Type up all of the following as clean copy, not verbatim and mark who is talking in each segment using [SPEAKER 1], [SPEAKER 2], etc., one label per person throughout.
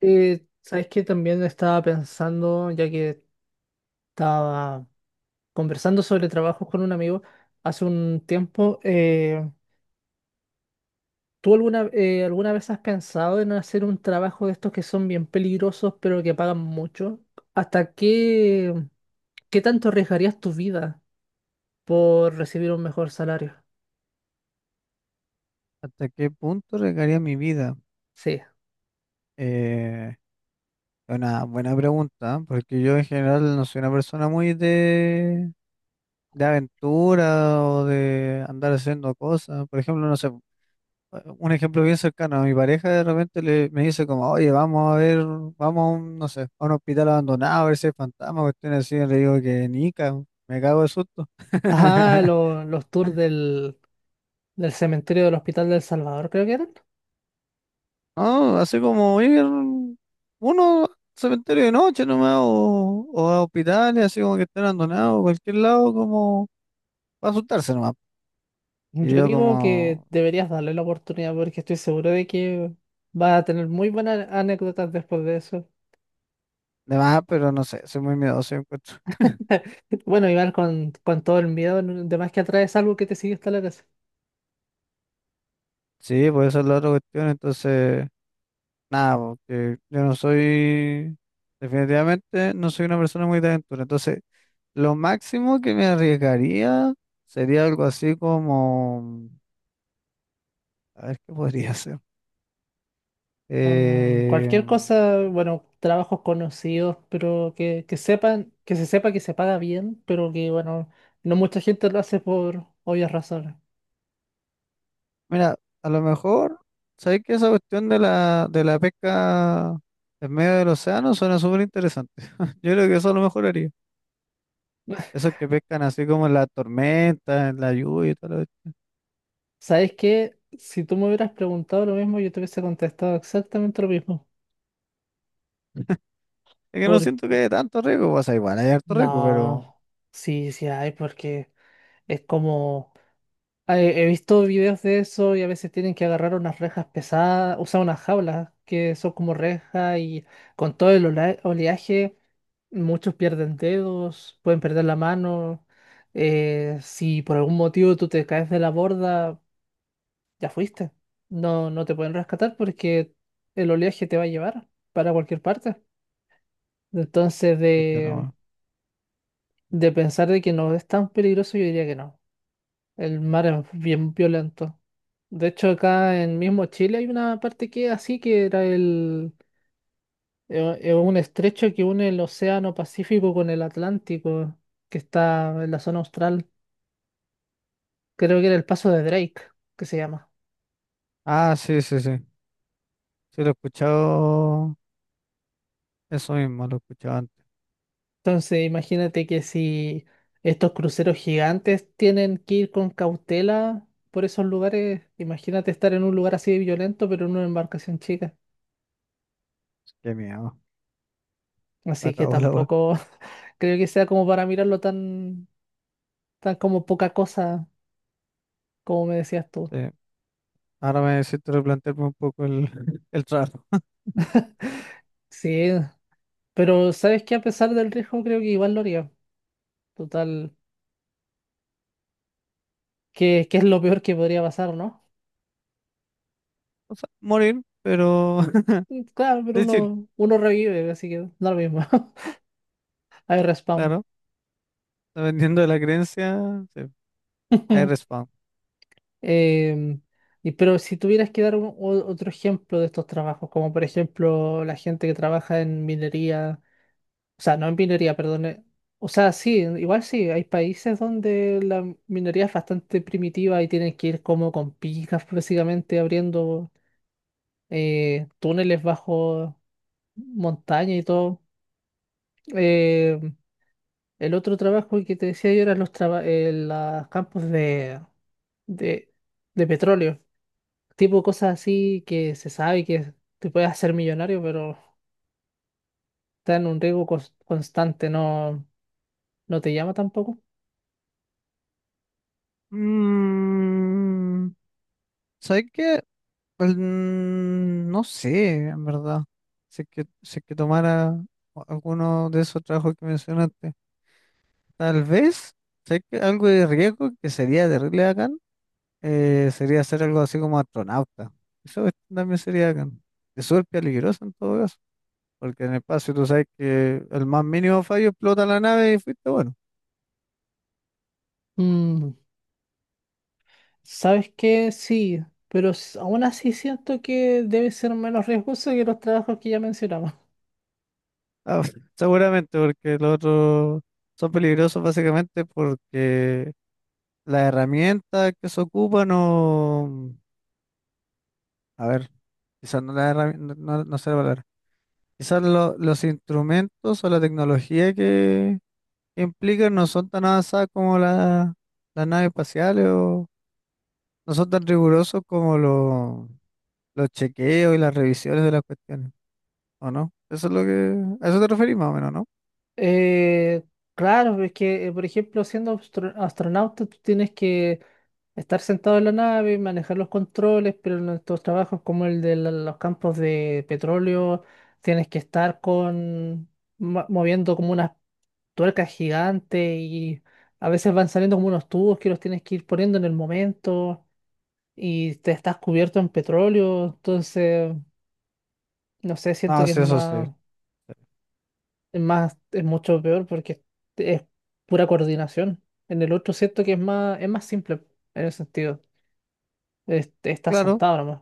[SPEAKER 1] ¿Sabes qué? También estaba pensando, ya que estaba conversando sobre trabajos con un amigo hace un tiempo. ¿Tú alguna vez has pensado en hacer un trabajo de estos que son bien peligrosos pero que pagan mucho? ¿Hasta qué, ¿Qué tanto arriesgarías tu vida por recibir un mejor salario?
[SPEAKER 2] ¿Hasta qué punto regaría mi vida?
[SPEAKER 1] Sí.
[SPEAKER 2] Eh, es una buena pregunta, ¿eh? Porque yo en general no soy una persona muy de aventura o de andar haciendo cosas. Por ejemplo, no sé, un ejemplo bien cercano, a mi pareja de repente me dice como, oye, vamos a ver, vamos a no sé, a un hospital abandonado a ver si hay fantasma, cuestiones así, y le digo que nica, me cago de susto.
[SPEAKER 1] Ajá, los tours del cementerio del Hospital del Salvador, creo que eran.
[SPEAKER 2] No, así como ir uno al cementerio de noche nomás o a hospitales, así como que estén abandonados, cualquier lado como para asustarse nomás. Y
[SPEAKER 1] Yo
[SPEAKER 2] yo
[SPEAKER 1] digo que
[SPEAKER 2] como
[SPEAKER 1] deberías darle la oportunidad porque estoy seguro de que va a tener muy buenas anécdotas después de eso.
[SPEAKER 2] de más, pero no sé, soy muy miedoso yo encuentro.
[SPEAKER 1] Bueno, Iván, con todo el miedo, de más que atraes algo que te sigue hasta la casa.
[SPEAKER 2] Sí, pues esa es la otra cuestión, entonces nada, porque yo no soy, definitivamente no soy una persona muy de aventura, entonces lo máximo que me arriesgaría sería algo así como, a ver qué podría ser.
[SPEAKER 1] Mm,
[SPEAKER 2] Eh,
[SPEAKER 1] cualquier cosa, bueno, trabajos conocidos, pero que sepan, que se sepa que se paga bien, pero que, bueno, no mucha gente lo hace por obvias razones.
[SPEAKER 2] Mira, a lo mejor, ¿sabéis que esa cuestión de de la pesca en medio del océano suena súper interesante? Yo creo que eso a lo mejor haría. Esos que pescan así como en la tormenta, en la lluvia y todo lo... Es
[SPEAKER 1] ¿Sabes qué? Si tú me hubieras preguntado lo mismo, yo te hubiese contestado exactamente lo mismo.
[SPEAKER 2] que no siento que haya tanto riesgo, o sea, igual hay harto riesgo, pero...
[SPEAKER 1] No, sí, sí hay, porque es como... He visto videos de eso y a veces tienen que agarrar unas rejas pesadas, usar unas jaulas que son como rejas y con todo el oleaje muchos pierden dedos, pueden perder la mano. Si por algún motivo tú te caes de la borda, ya fuiste. No, no te pueden rescatar porque el oleaje te va a llevar para cualquier parte. Entonces,
[SPEAKER 2] pucha,
[SPEAKER 1] de,
[SPEAKER 2] no.
[SPEAKER 1] de pensar de que no es tan peligroso, yo diría que no. El mar es bien violento. De hecho, acá en mismo Chile hay una parte que es así, que era un estrecho que une el Océano Pacífico con el Atlántico, que está en la zona austral. Creo que era el Paso de Drake, que se llama.
[SPEAKER 2] Ah, sí, sí, sí. Sí, lo he escuchado, eso mismo, lo he escuchado antes.
[SPEAKER 1] Entonces, imagínate que si estos cruceros gigantes tienen que ir con cautela por esos lugares, imagínate estar en un lugar así de violento, pero en una embarcación chica.
[SPEAKER 2] Qué miedo, la
[SPEAKER 1] Así que
[SPEAKER 2] cago la wea.
[SPEAKER 1] tampoco creo que sea como para mirarlo tan. Está como poca cosa, como me decías tú.
[SPEAKER 2] Sí, ahora me necesito replantearme un poco el, el trato.
[SPEAKER 1] Sí, pero sabes que a pesar del riesgo creo que igual lo haría. Total, que es lo peor que podría pasar, ¿no?
[SPEAKER 2] O sea, morir, pero
[SPEAKER 1] Mm, claro, pero
[SPEAKER 2] de chill,
[SPEAKER 1] uno revive, así que da lo mismo. Hay respawn.
[SPEAKER 2] claro. Dependiendo de la creencia, sí, hay respawn.
[SPEAKER 1] Em, y, pero si tuvieras que dar otro ejemplo de estos trabajos, como por ejemplo la gente que trabaja en minería. O sea, no en minoría, perdón. O sea, sí, igual sí, hay países donde la minoría es bastante primitiva y tienen que ir como con picas, básicamente abriendo túneles bajo montaña y todo. Eh, el otro trabajo que te decía yo eran los, los campos de, de petróleo, tipo cosas así que se sabe que te puedes hacer millonario, pero está en un riesgo constante. No, no te llama tampoco.
[SPEAKER 2] Mm, ¿sabes qué? Pues, no sé, en verdad. Si es que tomara alguno de esos trabajos que mencionaste. Tal vez, ¿sabes qué? Algo de riesgo que sería terrible bacán, sería hacer algo así como astronauta. También sería bacán. Es súper peligroso en todo caso. Porque en el espacio tú sabes que el más mínimo fallo explota la nave y fuiste bueno.
[SPEAKER 1] Mm. ¿Sabes qué? Sí, pero aún así siento que debe ser menos riesgoso que los trabajos que ya mencionamos.
[SPEAKER 2] Ah, seguramente, porque los otros son peligrosos básicamente porque la herramienta que se ocupa no... A ver, quizás no no sé la palabra. Quizás los instrumentos o la tecnología que implican no son tan avanzadas como las naves espaciales o no son tan rigurosos como los chequeos y las revisiones de las cuestiones, ¿o no? Eso es lo que... A eso te referís más o menos, ¿no?
[SPEAKER 1] Eh, claro, es que, por ejemplo, siendo astronauta, tú tienes que estar sentado en la nave, manejar los controles, pero en estos trabajos como el de los campos de petróleo, tienes que estar con moviendo como unas tuercas gigantes y a veces van saliendo como unos tubos que los tienes que ir poniendo en el momento, y te estás cubierto en petróleo. Entonces, no sé, siento
[SPEAKER 2] No,
[SPEAKER 1] que
[SPEAKER 2] sí, eso sí.
[SPEAKER 1] es más, es mucho peor porque es pura coordinación. En el otro siento que es más simple en ese sentido. Estás
[SPEAKER 2] Claro,
[SPEAKER 1] sentado nomás.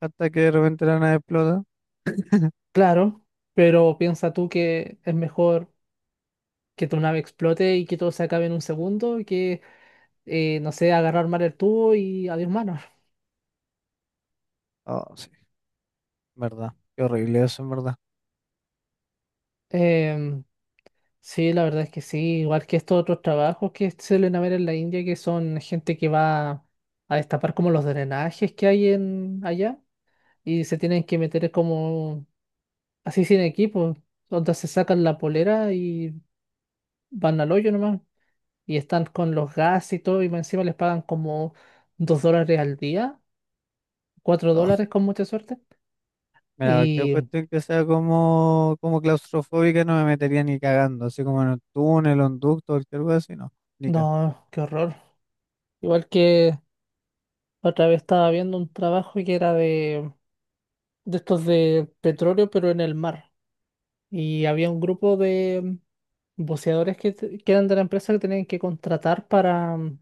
[SPEAKER 2] hasta que de repente la nave explota.
[SPEAKER 1] Claro, pero piensa tú que es mejor que tu nave explote y que todo se acabe en un segundo que, no sé, agarrar mal el tubo y adiós manos.
[SPEAKER 2] Oh, sí, verdad. Qué horrible eso, en verdad.
[SPEAKER 1] Sí, la verdad es que sí, igual que estos otros trabajos que suelen haber en la India, que son gente que va a destapar como los drenajes que hay en allá y se tienen que meter como así sin equipo, donde se sacan la polera y van al hoyo nomás y están con los gas y todo y más encima les pagan como $2 al día, cuatro
[SPEAKER 2] Oh,
[SPEAKER 1] dólares con mucha suerte.
[SPEAKER 2] mira, cualquier
[SPEAKER 1] Y
[SPEAKER 2] cuestión que sea como claustrofóbica no me metería ni cagando, así como en un túnel, un ducto, cualquier cosa así, no. Ni ca-...
[SPEAKER 1] no, qué horror. Igual que otra vez estaba viendo un trabajo que era de estos de petróleo, pero en el mar. Y había un grupo de buceadores que, que eran de la empresa que tenían que contratar para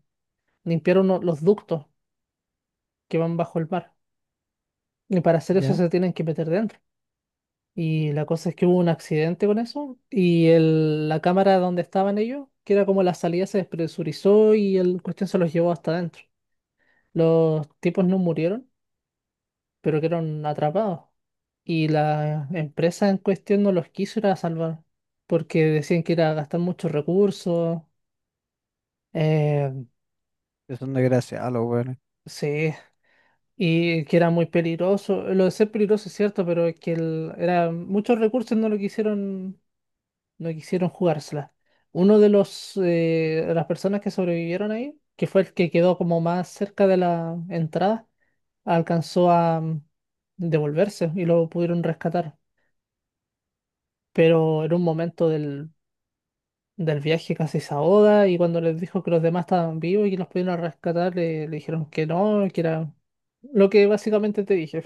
[SPEAKER 1] limpiar los ductos que van bajo el mar. Y para hacer eso
[SPEAKER 2] ¿Ya?
[SPEAKER 1] se tienen que meter dentro. Y la cosa es que hubo un accidente con eso y la cámara donde estaban ellos, que era como la salida, se despresurizó y el cuestión se los llevó hasta adentro. Los tipos no murieron pero quedaron atrapados. Y la empresa en cuestión no los quiso ir a salvar, porque decían que era gastar muchos recursos. eh,
[SPEAKER 2] Que son desgraciados los weones.
[SPEAKER 1] sí, y que era muy peligroso. Lo de ser peligroso es cierto, pero es que era muchos recursos. No lo quisieron, no quisieron jugársela. Uno de los de las personas que sobrevivieron ahí, que fue el que quedó como más cerca de la entrada, alcanzó a devolverse y lo pudieron rescatar. Pero era un momento del viaje casi se ahoga, y cuando les dijo que los demás estaban vivos y que los pudieron rescatar, le dijeron que no, que era lo que básicamente te dije.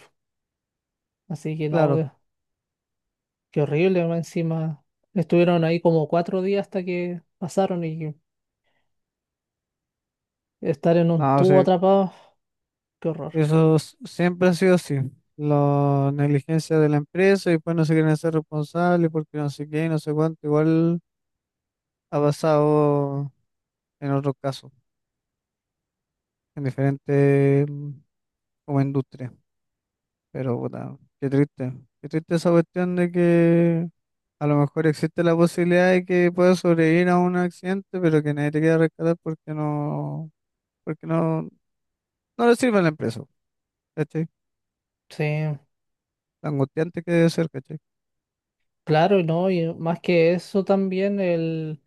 [SPEAKER 1] Así que
[SPEAKER 2] Claro,
[SPEAKER 1] no, qué horrible. Más encima estuvieron ahí como 4 días hasta que pasaron, y estar en un
[SPEAKER 2] no,
[SPEAKER 1] tubo
[SPEAKER 2] sí.
[SPEAKER 1] atrapado, qué horror.
[SPEAKER 2] Siempre ha sido así. La negligencia de la empresa y después no se quieren hacer responsables porque no sé qué, no sé cuánto. Igual ha pasado en otros casos, en diferentes como industrias. Pero puta, qué triste. Qué triste esa cuestión de que a lo mejor existe la posibilidad de que puedas sobrevivir a un accidente, pero que nadie te quiera rescatar porque no, no le sirve a la empresa. ¿Cachai?
[SPEAKER 1] Sí,
[SPEAKER 2] Lo angustiante que debe ser, ¿cachai?
[SPEAKER 1] claro, y no, y más que eso también el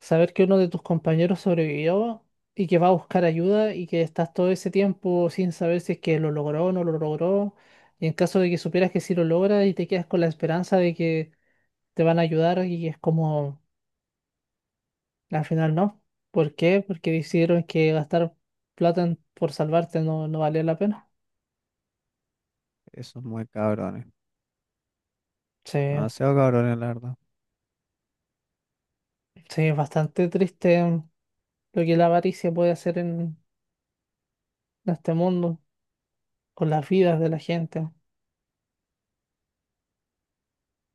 [SPEAKER 1] saber que uno de tus compañeros sobrevivió y que va a buscar ayuda y que estás todo ese tiempo sin saber si es que lo logró o no lo logró. Y en caso de que supieras que sí lo logra y te quedas con la esperanza de que te van a ayudar y es como, al final no. ¿Por qué? Porque decidieron que gastar plata por salvarte no, no valía la pena.
[SPEAKER 2] Esos muy cabrones.
[SPEAKER 1] Sí,
[SPEAKER 2] Demasiado cabrones, la verdad.
[SPEAKER 1] sí, es bastante triste lo que la avaricia puede hacer en este mundo, por las vidas de la gente.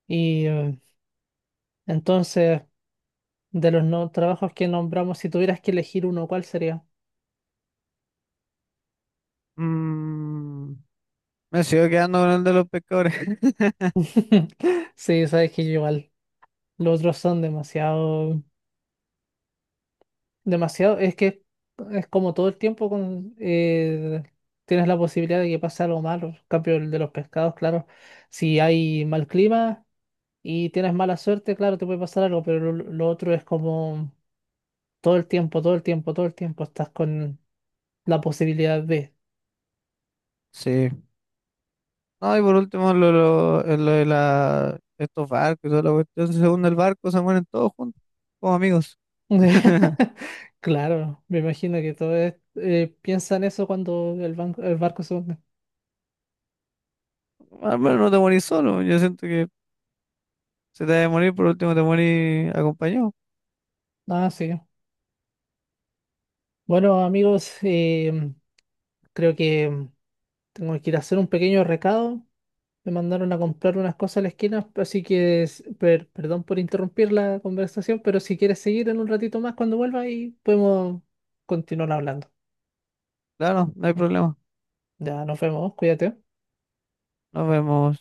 [SPEAKER 1] Y entonces, de los no trabajos que nombramos, si tuvieras que elegir uno, ¿cuál sería?
[SPEAKER 2] Mm, me sigo quedando con el de los pescadores.
[SPEAKER 1] Sí, sabes que yo igual. Los otros son demasiado, demasiado, es que es como todo el tiempo con, tienes la posibilidad de que pase algo malo. En cambio, el de los pescados, claro, si hay mal clima y tienes mala suerte, claro, te puede pasar algo, pero lo otro es como todo el tiempo, todo el tiempo, todo el tiempo estás con la posibilidad de.
[SPEAKER 2] Sí. No, y por último, lo de la, estos barcos y toda la cuestión. Según el barco, se mueren todos juntos, como amigos.
[SPEAKER 1] Claro, me imagino que todos piensan eso cuando el banco, el barco se hunde.
[SPEAKER 2] Al menos no te morís solo. Yo siento que si te vas a morir, por último te morís acompañado.
[SPEAKER 1] Ah, sí. Bueno, amigos, creo que tengo que ir a hacer un pequeño recado. Me mandaron a comprar unas cosas a la esquina, así que perdón por interrumpir la conversación, pero si quieres seguir en un ratito más cuando vuelva y podemos continuar hablando.
[SPEAKER 2] Claro, no hay problema.
[SPEAKER 1] Ya nos vemos, cuídate.
[SPEAKER 2] Nos vemos.